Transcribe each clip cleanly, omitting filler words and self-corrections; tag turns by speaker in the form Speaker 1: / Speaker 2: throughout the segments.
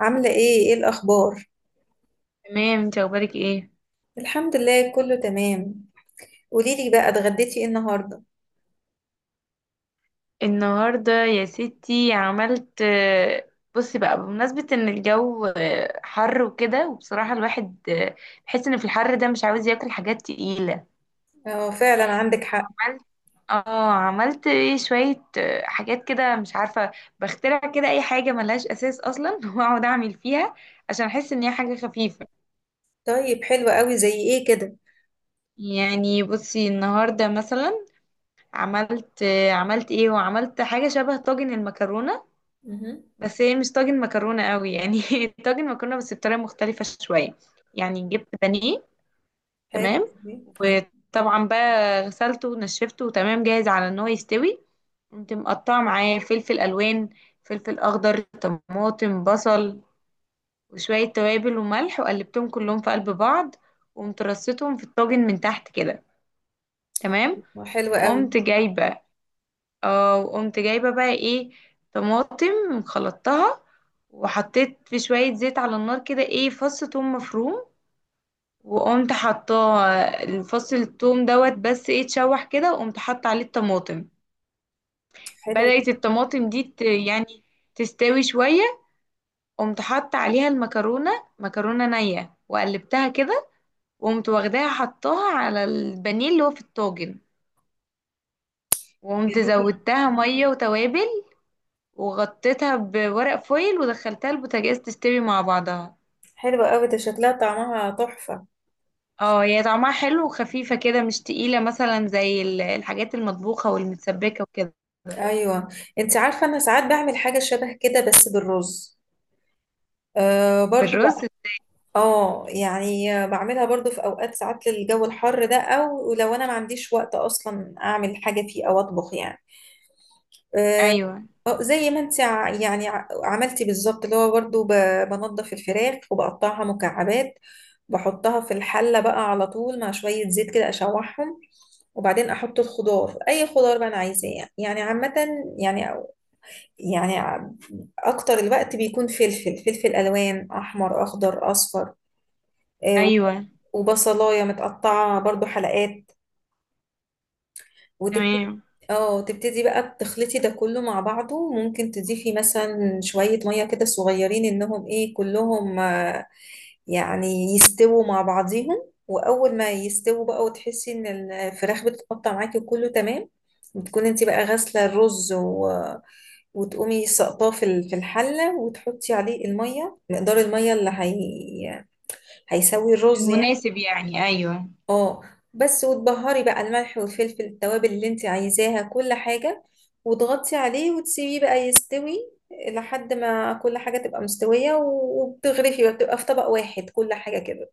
Speaker 1: عاملة ايه الأخبار؟
Speaker 2: تمام، انت اخبارك ايه؟
Speaker 1: الحمد لله كله تمام. قوليلي بقى اتغديتي ايه النهاردة؟
Speaker 2: النهارده يا ستي عملت بصي بقى، بمناسبة ان الجو حر وكده، وبصراحة الواحد بحس ان في الحر ده مش عاوز ياكل حاجات تقيلة.
Speaker 1: اه فعلا عندك حق.
Speaker 2: عملت. اه عملت ايه شوية حاجات كده مش عارفة، بخترع كده اي حاجة ملهاش اساس اصلا واقعد اعمل فيها عشان احس ان هي حاجة خفيفة.
Speaker 1: طيب حلو قوي، زي ايه كده؟
Speaker 2: يعني بصي النهارده مثلا عملت عملت ايه، وعملت حاجة شبه طاجن المكرونة.
Speaker 1: مهم.
Speaker 2: بس هي مش طاجن مكرونة قوي يعني طاجن مكرونة بس بطريقة مختلفة شوية. يعني جبت بانيه.
Speaker 1: حلو.
Speaker 2: تمام.
Speaker 1: مم.
Speaker 2: وطبعا بقى غسلته ونشفته تمام جاهز على ان هو يستوي. قمت مقطعة معاه فلفل ألوان، فلفل أخضر، طماطم، بصل، وشوية توابل وملح، وقلبتهم كلهم في قلب بعض. وقمت رصيتهم في الطاجن من تحت كده. تمام.
Speaker 1: حلو قوي.
Speaker 2: وقمت جايبة. اه وقمت جايبة بقى ايه، طماطم خلطتها. وحطيت في شوية زيت على النار كده ايه، فص توم مفروم. وقمت حطاه فص التوم دوت، بس ايه اتشوح كده، وقمت حاطة عليه الطماطم.
Speaker 1: حلو.
Speaker 2: بدأت الطماطم دي يعني تستوي شوية. قمت حاطة عليها المكرونة، مكرونة نية وقلبتها كده. وقمت واخداها حطاها على البانيه اللي هو في الطاجن. وقمت
Speaker 1: جميل.
Speaker 2: زودتها مية وتوابل، وغطيتها بورق فويل ودخلتها البوتاجاز تستوي مع بعضها.
Speaker 1: حلو قوي، ده شكلها طعمها تحفة.
Speaker 2: اه هي طعمها حلو وخفيفة كده مش تقيلة، مثلا زي الحاجات المطبوخة والمتسبكة وكده.
Speaker 1: ايوه، انت عارفة انا ساعات بعمل حاجة شبه كده بس بالرز، آه برضو
Speaker 2: بالرز.
Speaker 1: بقى. اه، يعني بعملها برضو في اوقات، ساعات للجو الحر ده، او لو انا ما عنديش وقت اصلا اعمل حاجة فيه او اطبخ يعني. آه،
Speaker 2: ايوه.
Speaker 1: اه، زي ما انت عملتي بالظبط، اللي هو برضه بنضف الفراخ وبقطعها مكعبات، بحطها في الحلة بقى على طول مع شوية زيت كده اشوحهم، وبعدين احط الخضار اي خضار بقى انا عايزاه، يعني عامة، يعني يعني ع- اكتر الوقت بيكون فلفل الوان، احمر اخضر اصفر، آه،
Speaker 2: ايوه.
Speaker 1: وبصلاية متقطعة برضو حلقات، وتبتدي،
Speaker 2: تمام.
Speaker 1: اه تبتدي بقى بتخلطي ده كله مع بعضه، ممكن تضيفي مثلا شوية مية كده صغيرين انهم ايه كلهم، يعني يستووا مع بعضيهم، واول ما يستووا بقى وتحسي ان الفراخ بتتقطع معاكي وكله تمام، بتكون انت بقى غاسلة الرز وتقومي سقطاه في في الحلة، وتحطي عليه المية، مقدار المية اللي هي... هيسوي الرز يعني.
Speaker 2: المناسب يعني، ايوه.
Speaker 1: اه بس، وتبهري بقى الملح والفلفل، التوابل اللي انت عايزاها كل حاجة، وتغطي عليه وتسيبيه بقى يستوي لحد ما كل حاجة تبقى مستوية، وبتغرفي بقى، بتبقى في طبق واحد كل حاجة كده.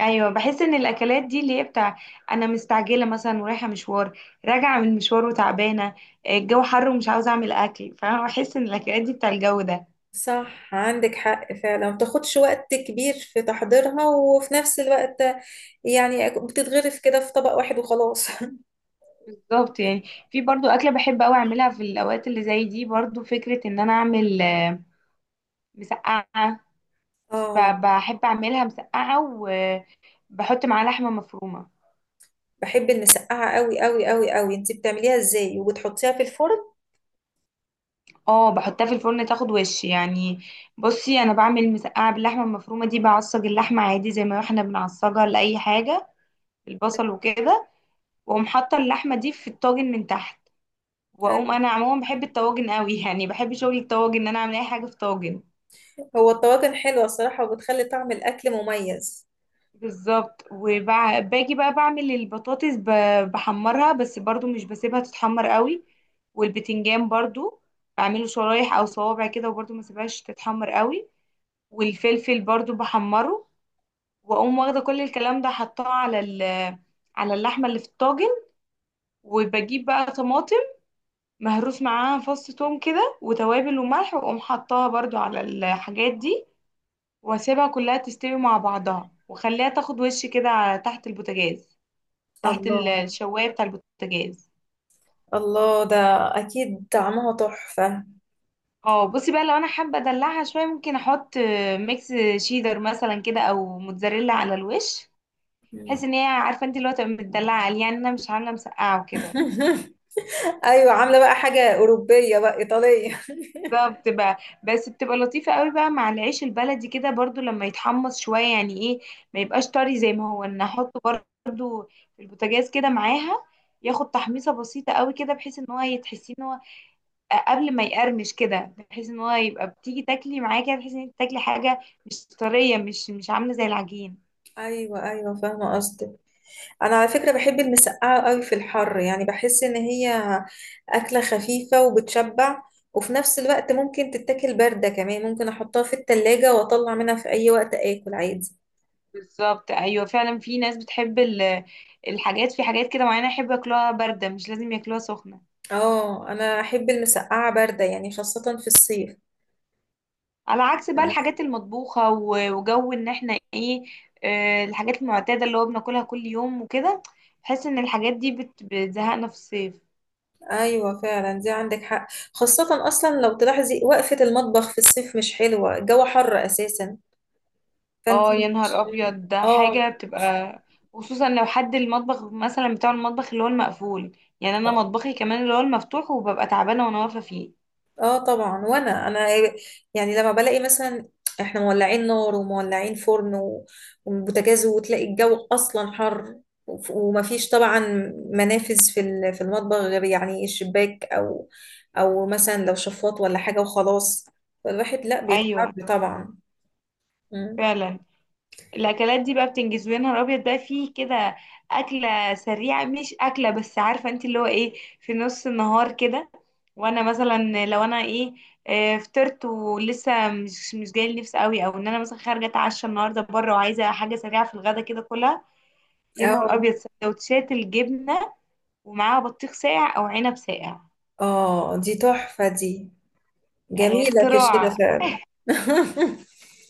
Speaker 2: ايوه. بحس ان الاكلات دي اللي هي بتاع انا مستعجله مثلا ورايحه مشوار، راجعه من مشوار وتعبانه، الجو حر ومش عاوزه اعمل اكل. فانا بحس ان الاكلات دي بتاع الجو ده.
Speaker 1: صح عندك حق فعلا، ما بتاخدش وقت كبير في تحضيرها، وفي نفس الوقت يعني بتتغرف كده في طبق واحد وخلاص.
Speaker 2: بالظبط يعني. في برضو أكلة بحب أوي أعملها في الأوقات اللي زي دي، برضو فكرة إن أنا أعمل مسقعة.
Speaker 1: اه،
Speaker 2: بحب أعملها مسقعة، وبحط معاها لحمة مفرومة.
Speaker 1: بحب المسقعة قوي قوي قوي قوي، انت بتعمليها ازاي وبتحطيها في الفرن؟
Speaker 2: اه بحطها في الفرن تاخد وش يعني. بصي أنا بعمل مسقعة باللحمة المفرومة دي، بعصج اللحمة عادي زي ما احنا بنعصجها لأي حاجة، البصل وكده. وأقوم حاطة اللحمة دي في الطاجن من تحت. وأقوم، أنا عموما بحب الطواجن أوي، يعني بحب شغل الطواجن، إن أنا أعمل أي حاجة في طاجن.
Speaker 1: هو الطواجن حلوة الصراحة، وبتخلي طعم الأكل مميز.
Speaker 2: بالظبط. وباجي بقى بعمل البطاطس، بحمرها بس برضو مش بسيبها تتحمر قوي. والبتنجان برضو بعمله شرايح او صوابع كده، وبرضو ما سيبهاش تتحمر قوي. والفلفل برضو بحمره. واقوم واخده كل الكلام ده حطاه على على اللحمه اللي في الطاجن. وبجيب بقى طماطم مهروس معاها فص توم كده وتوابل وملح، واقوم حطاها برضو على الحاجات دي. واسيبها كلها تستوي مع بعضها، واخليها تاخد وش كده تحت البوتاجاز، تحت
Speaker 1: الله،
Speaker 2: الشوايه بتاع البوتاجاز.
Speaker 1: الله، ده أكيد طعمها تحفة.
Speaker 2: اه بصي بقى، لو انا حابه ادلعها شويه ممكن احط ميكس شيدر مثلا كده او موتزاريلا على الوش، بحيث
Speaker 1: مم.
Speaker 2: ان هي عارفه انت اللي هو تبقى متدلعه عليه يعني، انا مش عامله مسقعه وكده.
Speaker 1: أيوة، عاملة بقى حاجة أوروبية بقى، إيطالية.
Speaker 2: ده بتبقى. بس بتبقى لطيفه قوي بقى مع العيش البلدي كده، برضو لما يتحمص شويه يعني ايه، ما يبقاش طري زي ما هو، ان احطه برضو في البوتاجاز كده معاها، ياخد تحميصه بسيطه قوي كده بحيث ان هو يتحسي ان هو قبل ما يقرمش كده، بحيث ان هو يبقى بتيجي تاكلي معاه كده تحسي ان انت تاكلي حاجه مش طريه، مش عامله زي العجين.
Speaker 1: أيوة أيوة، فاهمة قصدك. أنا على فكرة بحب المسقعة أوي في الحر، يعني بحس إن هي أكلة خفيفة وبتشبع، وفي نفس الوقت ممكن تتاكل باردة كمان، ممكن أحطها في التلاجة وأطلع منها في أي وقت آكل عادي.
Speaker 2: بالظبط. ايوه فعلا. في ناس بتحب الحاجات، في حاجات كده معينه يحب ياكلوها بارده مش لازم ياكلوها سخنه.
Speaker 1: اه انا احب المسقعه بارده يعني، خاصه في الصيف.
Speaker 2: على عكس بقى الحاجات المطبوخه وجو ان احنا ايه، الحاجات المعتاده اللي هو بناكلها كل يوم وكده، بحس ان الحاجات دي بتزهقنا في الصيف.
Speaker 1: ايوه فعلا، دي عندك حق. خاصة اصلا لو تلاحظي وقفة المطبخ في الصيف مش حلوة، الجو حر اساسا، فانت
Speaker 2: اه يا
Speaker 1: مش.
Speaker 2: نهار ابيض، ده حاجه
Speaker 1: اه.
Speaker 2: بتبقى خصوصا لو حد المطبخ مثلا بتاع المطبخ اللي هو المقفول. يعني انا مطبخي كمان اللي هو المفتوح وببقى تعبانه وانا واقفه فيه.
Speaker 1: اه طبعا، وانا يعني لما بلاقي مثلا احنا مولعين نار ومولعين فرن وبوتاجاز، وتلاقي الجو اصلا حر، ومفيش طبعا منافذ في في المطبخ غير يعني الشباك او او مثلا لو شفاط ولا حاجة وخلاص، فالواحد لا
Speaker 2: ايوه.
Speaker 1: بيتعب طبعا. مم.
Speaker 2: فعلا الاكلات دي بقى بتنجز يا نهار ابيض بقى، فيه كده اكله سريعه مش اكله، بس عارفه انت اللي هو ايه، في نص النهار كده. وانا مثلا لو انا ايه فطرت ولسه مش جاي نفسي قوي، او ان انا مثلا خارجه اتعشى النهارده بره وعايزه حاجه سريعه في الغدا كده كلها يا نهار
Speaker 1: اه.
Speaker 2: ابيض سندوتشات الجبنه، ومعاها بطيخ ساقع او عنب ساقع.
Speaker 1: اه دي تحفة دي،
Speaker 2: يعني
Speaker 1: جميلة في الشتاء
Speaker 2: اختراع.
Speaker 1: فعلا.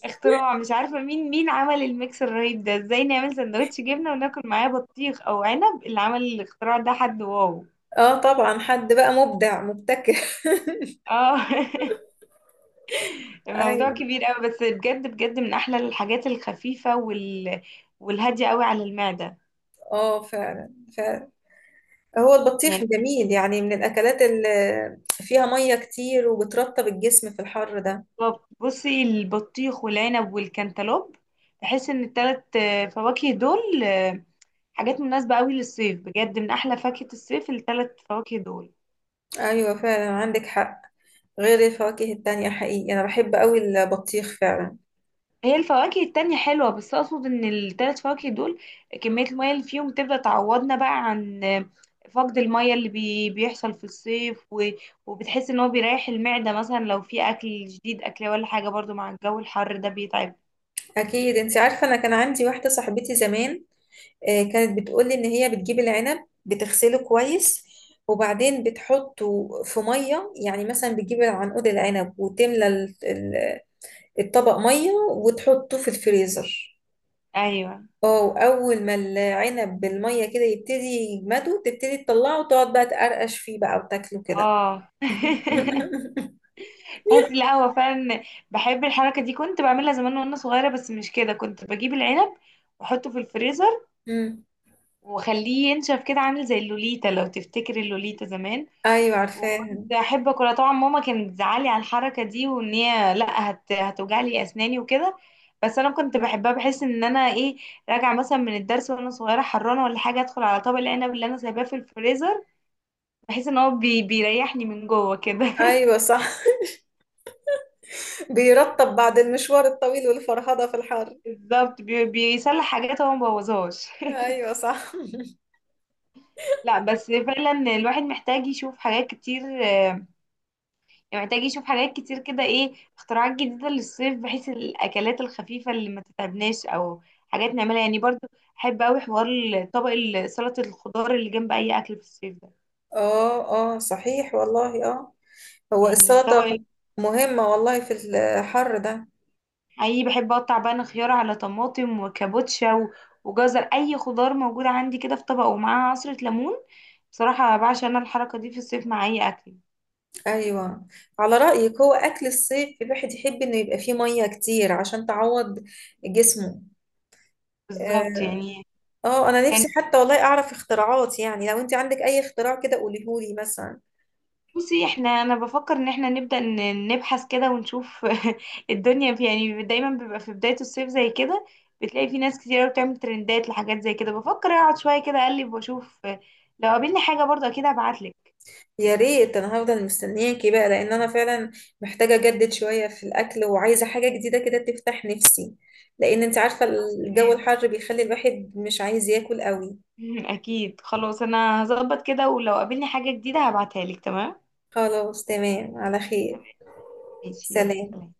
Speaker 2: اختراع مش عارفه مين مين عمل الميكس الرهيب ده، ازاي نعمل سندوتش جبنه وناكل معاه بطيخ او عنب، اللي عمل الاختراع ده حد واو.
Speaker 1: اه طبعا، حد بقى مبدع مبتكر.
Speaker 2: اه الموضوع
Speaker 1: ايوه.
Speaker 2: كبير قوي، بس بجد بجد من احلى الحاجات الخفيفه والهاديه قوي على المعده
Speaker 1: اه فعلا فعلا، هو البطيخ
Speaker 2: يعني.
Speaker 1: جميل، يعني من الاكلات اللي فيها ميه كتير وبترطب الجسم في الحر ده.
Speaker 2: طب بصي، البطيخ والعنب والكنتالوب، بحس ان التلات فواكه دول حاجات مناسبة قوي للصيف، بجد من احلى فاكهة الصيف التلات فواكه دول.
Speaker 1: ايوه فعلا عندك حق، غير الفواكه التانية، حقيقي انا بحب قوي البطيخ فعلا.
Speaker 2: هي الفواكه التانية حلوة، بس اقصد ان التلات فواكه دول كمية المية اللي فيهم تبدأ تعوضنا بقى عن فقد المية اللي بيحصل في الصيف وبتحس ان هو بيريح المعدة مثلا، لو في اكل جديد اكله ولا حاجة برضو مع الجو الحر ده بيتعب.
Speaker 1: اكيد، انت عارفة انا كان عندي واحدة صاحبتي زمان، كانت بتقولي إن هي بتجيب العنب بتغسله كويس، وبعدين بتحطه في مية، يعني مثلا بتجيب عنقود العنب وتملى الطبق مية وتحطه في الفريزر.
Speaker 2: ايوه.
Speaker 1: اه، وأول ما العنب بالمية كده يبتدي يجمده تبتدي تطلعه، وتقعد بقى تقرقش فيه بقى وتاكله كده.
Speaker 2: اه تحسي لا هو فعلا بحب الحركة دي، كنت بعملها زمان وانا صغيرة. بس مش كده، كنت بجيب العنب واحطه في الفريزر
Speaker 1: مم.
Speaker 2: واخليه ينشف كده عامل زي اللوليتا، لو تفتكري اللوليتا زمان.
Speaker 1: أيوة
Speaker 2: وكنت
Speaker 1: عارفاها.
Speaker 2: احب اكلها طبعا. ماما كانت بتزعلي على الحركة دي، وان هي لا هتوجع لي اسناني وكده. بس انا كنت بحبها، بحس ان انا ايه، راجعه مثلا من الدرس وانا صغيره حرانه ولا حاجه، ادخل على طبق العنب اللي انا سايباه في الفريزر، بحس ان هو بيريحني من جوه كده
Speaker 1: أيوة صح. بيرطب بعد المشوار الطويل والفرهدة في الحر.
Speaker 2: بالظبط. بيصلح حاجات هو مبوظهاش.
Speaker 1: أيوة صح.
Speaker 2: لا بس فعلا، الواحد محتاج يشوف حاجات كتير محتاج يشوف حاجات كتير كده ايه، اختراعات جديدة للصيف بحيث الأكلات الخفيفة اللي ما تتعبناش، أو حاجات نعملها يعني برضو. أحب أوي حوار طبق سلطة الخضار اللي جنب أي أكل في الصيف ده.
Speaker 1: اه. اه صحيح والله، اه هو
Speaker 2: يعني
Speaker 1: السلطة
Speaker 2: طبق.
Speaker 1: مهمة والله في الحر ده.
Speaker 2: أي، بحب أقطع بقى خيار على طماطم وكابوتشا وجزر، أي خضار موجودة عندي كده في طبق، ومعاها عصرة ليمون. بصراحة بعشق أنا الحركة دي في الصيف مع أي أكل.
Speaker 1: ايوه، على رأيك هو اكل الصيف الواحد يحب انه يبقى فيه مية كتير عشان تعوض جسمه.
Speaker 2: بالظبط
Speaker 1: اه،
Speaker 2: يعني.
Speaker 1: انا
Speaker 2: كان
Speaker 1: نفسي حتى والله اعرف اختراعات، يعني لو انت عندك اي اختراع كده قوليهولي مثلا.
Speaker 2: بصي احنا، انا بفكر ان احنا نبدأ نبحث كده ونشوف الدنيا، في يعني دايما بيبقى في بداية الصيف زي كده بتلاقي في ناس كتير بتعمل ترندات لحاجات زي كده. بفكر اقعد شوية كده اقلب واشوف، لو قابلني حاجة برضه اكيد هبعتلك.
Speaker 1: يا ريت، انا هفضل مستنياكي بقى، لان انا فعلا محتاجة اجدد شوية في الاكل، وعايزة حاجة جديدة كده تفتح نفسي، لان انت عارفة
Speaker 2: خلاص
Speaker 1: الجو
Speaker 2: تمام
Speaker 1: الحر بيخلي الواحد مش عايز ياكل قوي.
Speaker 2: اكيد. خلاص انا هظبط كده، ولو قابلني حاجة جديدة هبعتها لك. تمام.
Speaker 1: خلاص تمام، على خير.
Speaker 2: تمام ماشي، يلا
Speaker 1: سلام.
Speaker 2: سلام.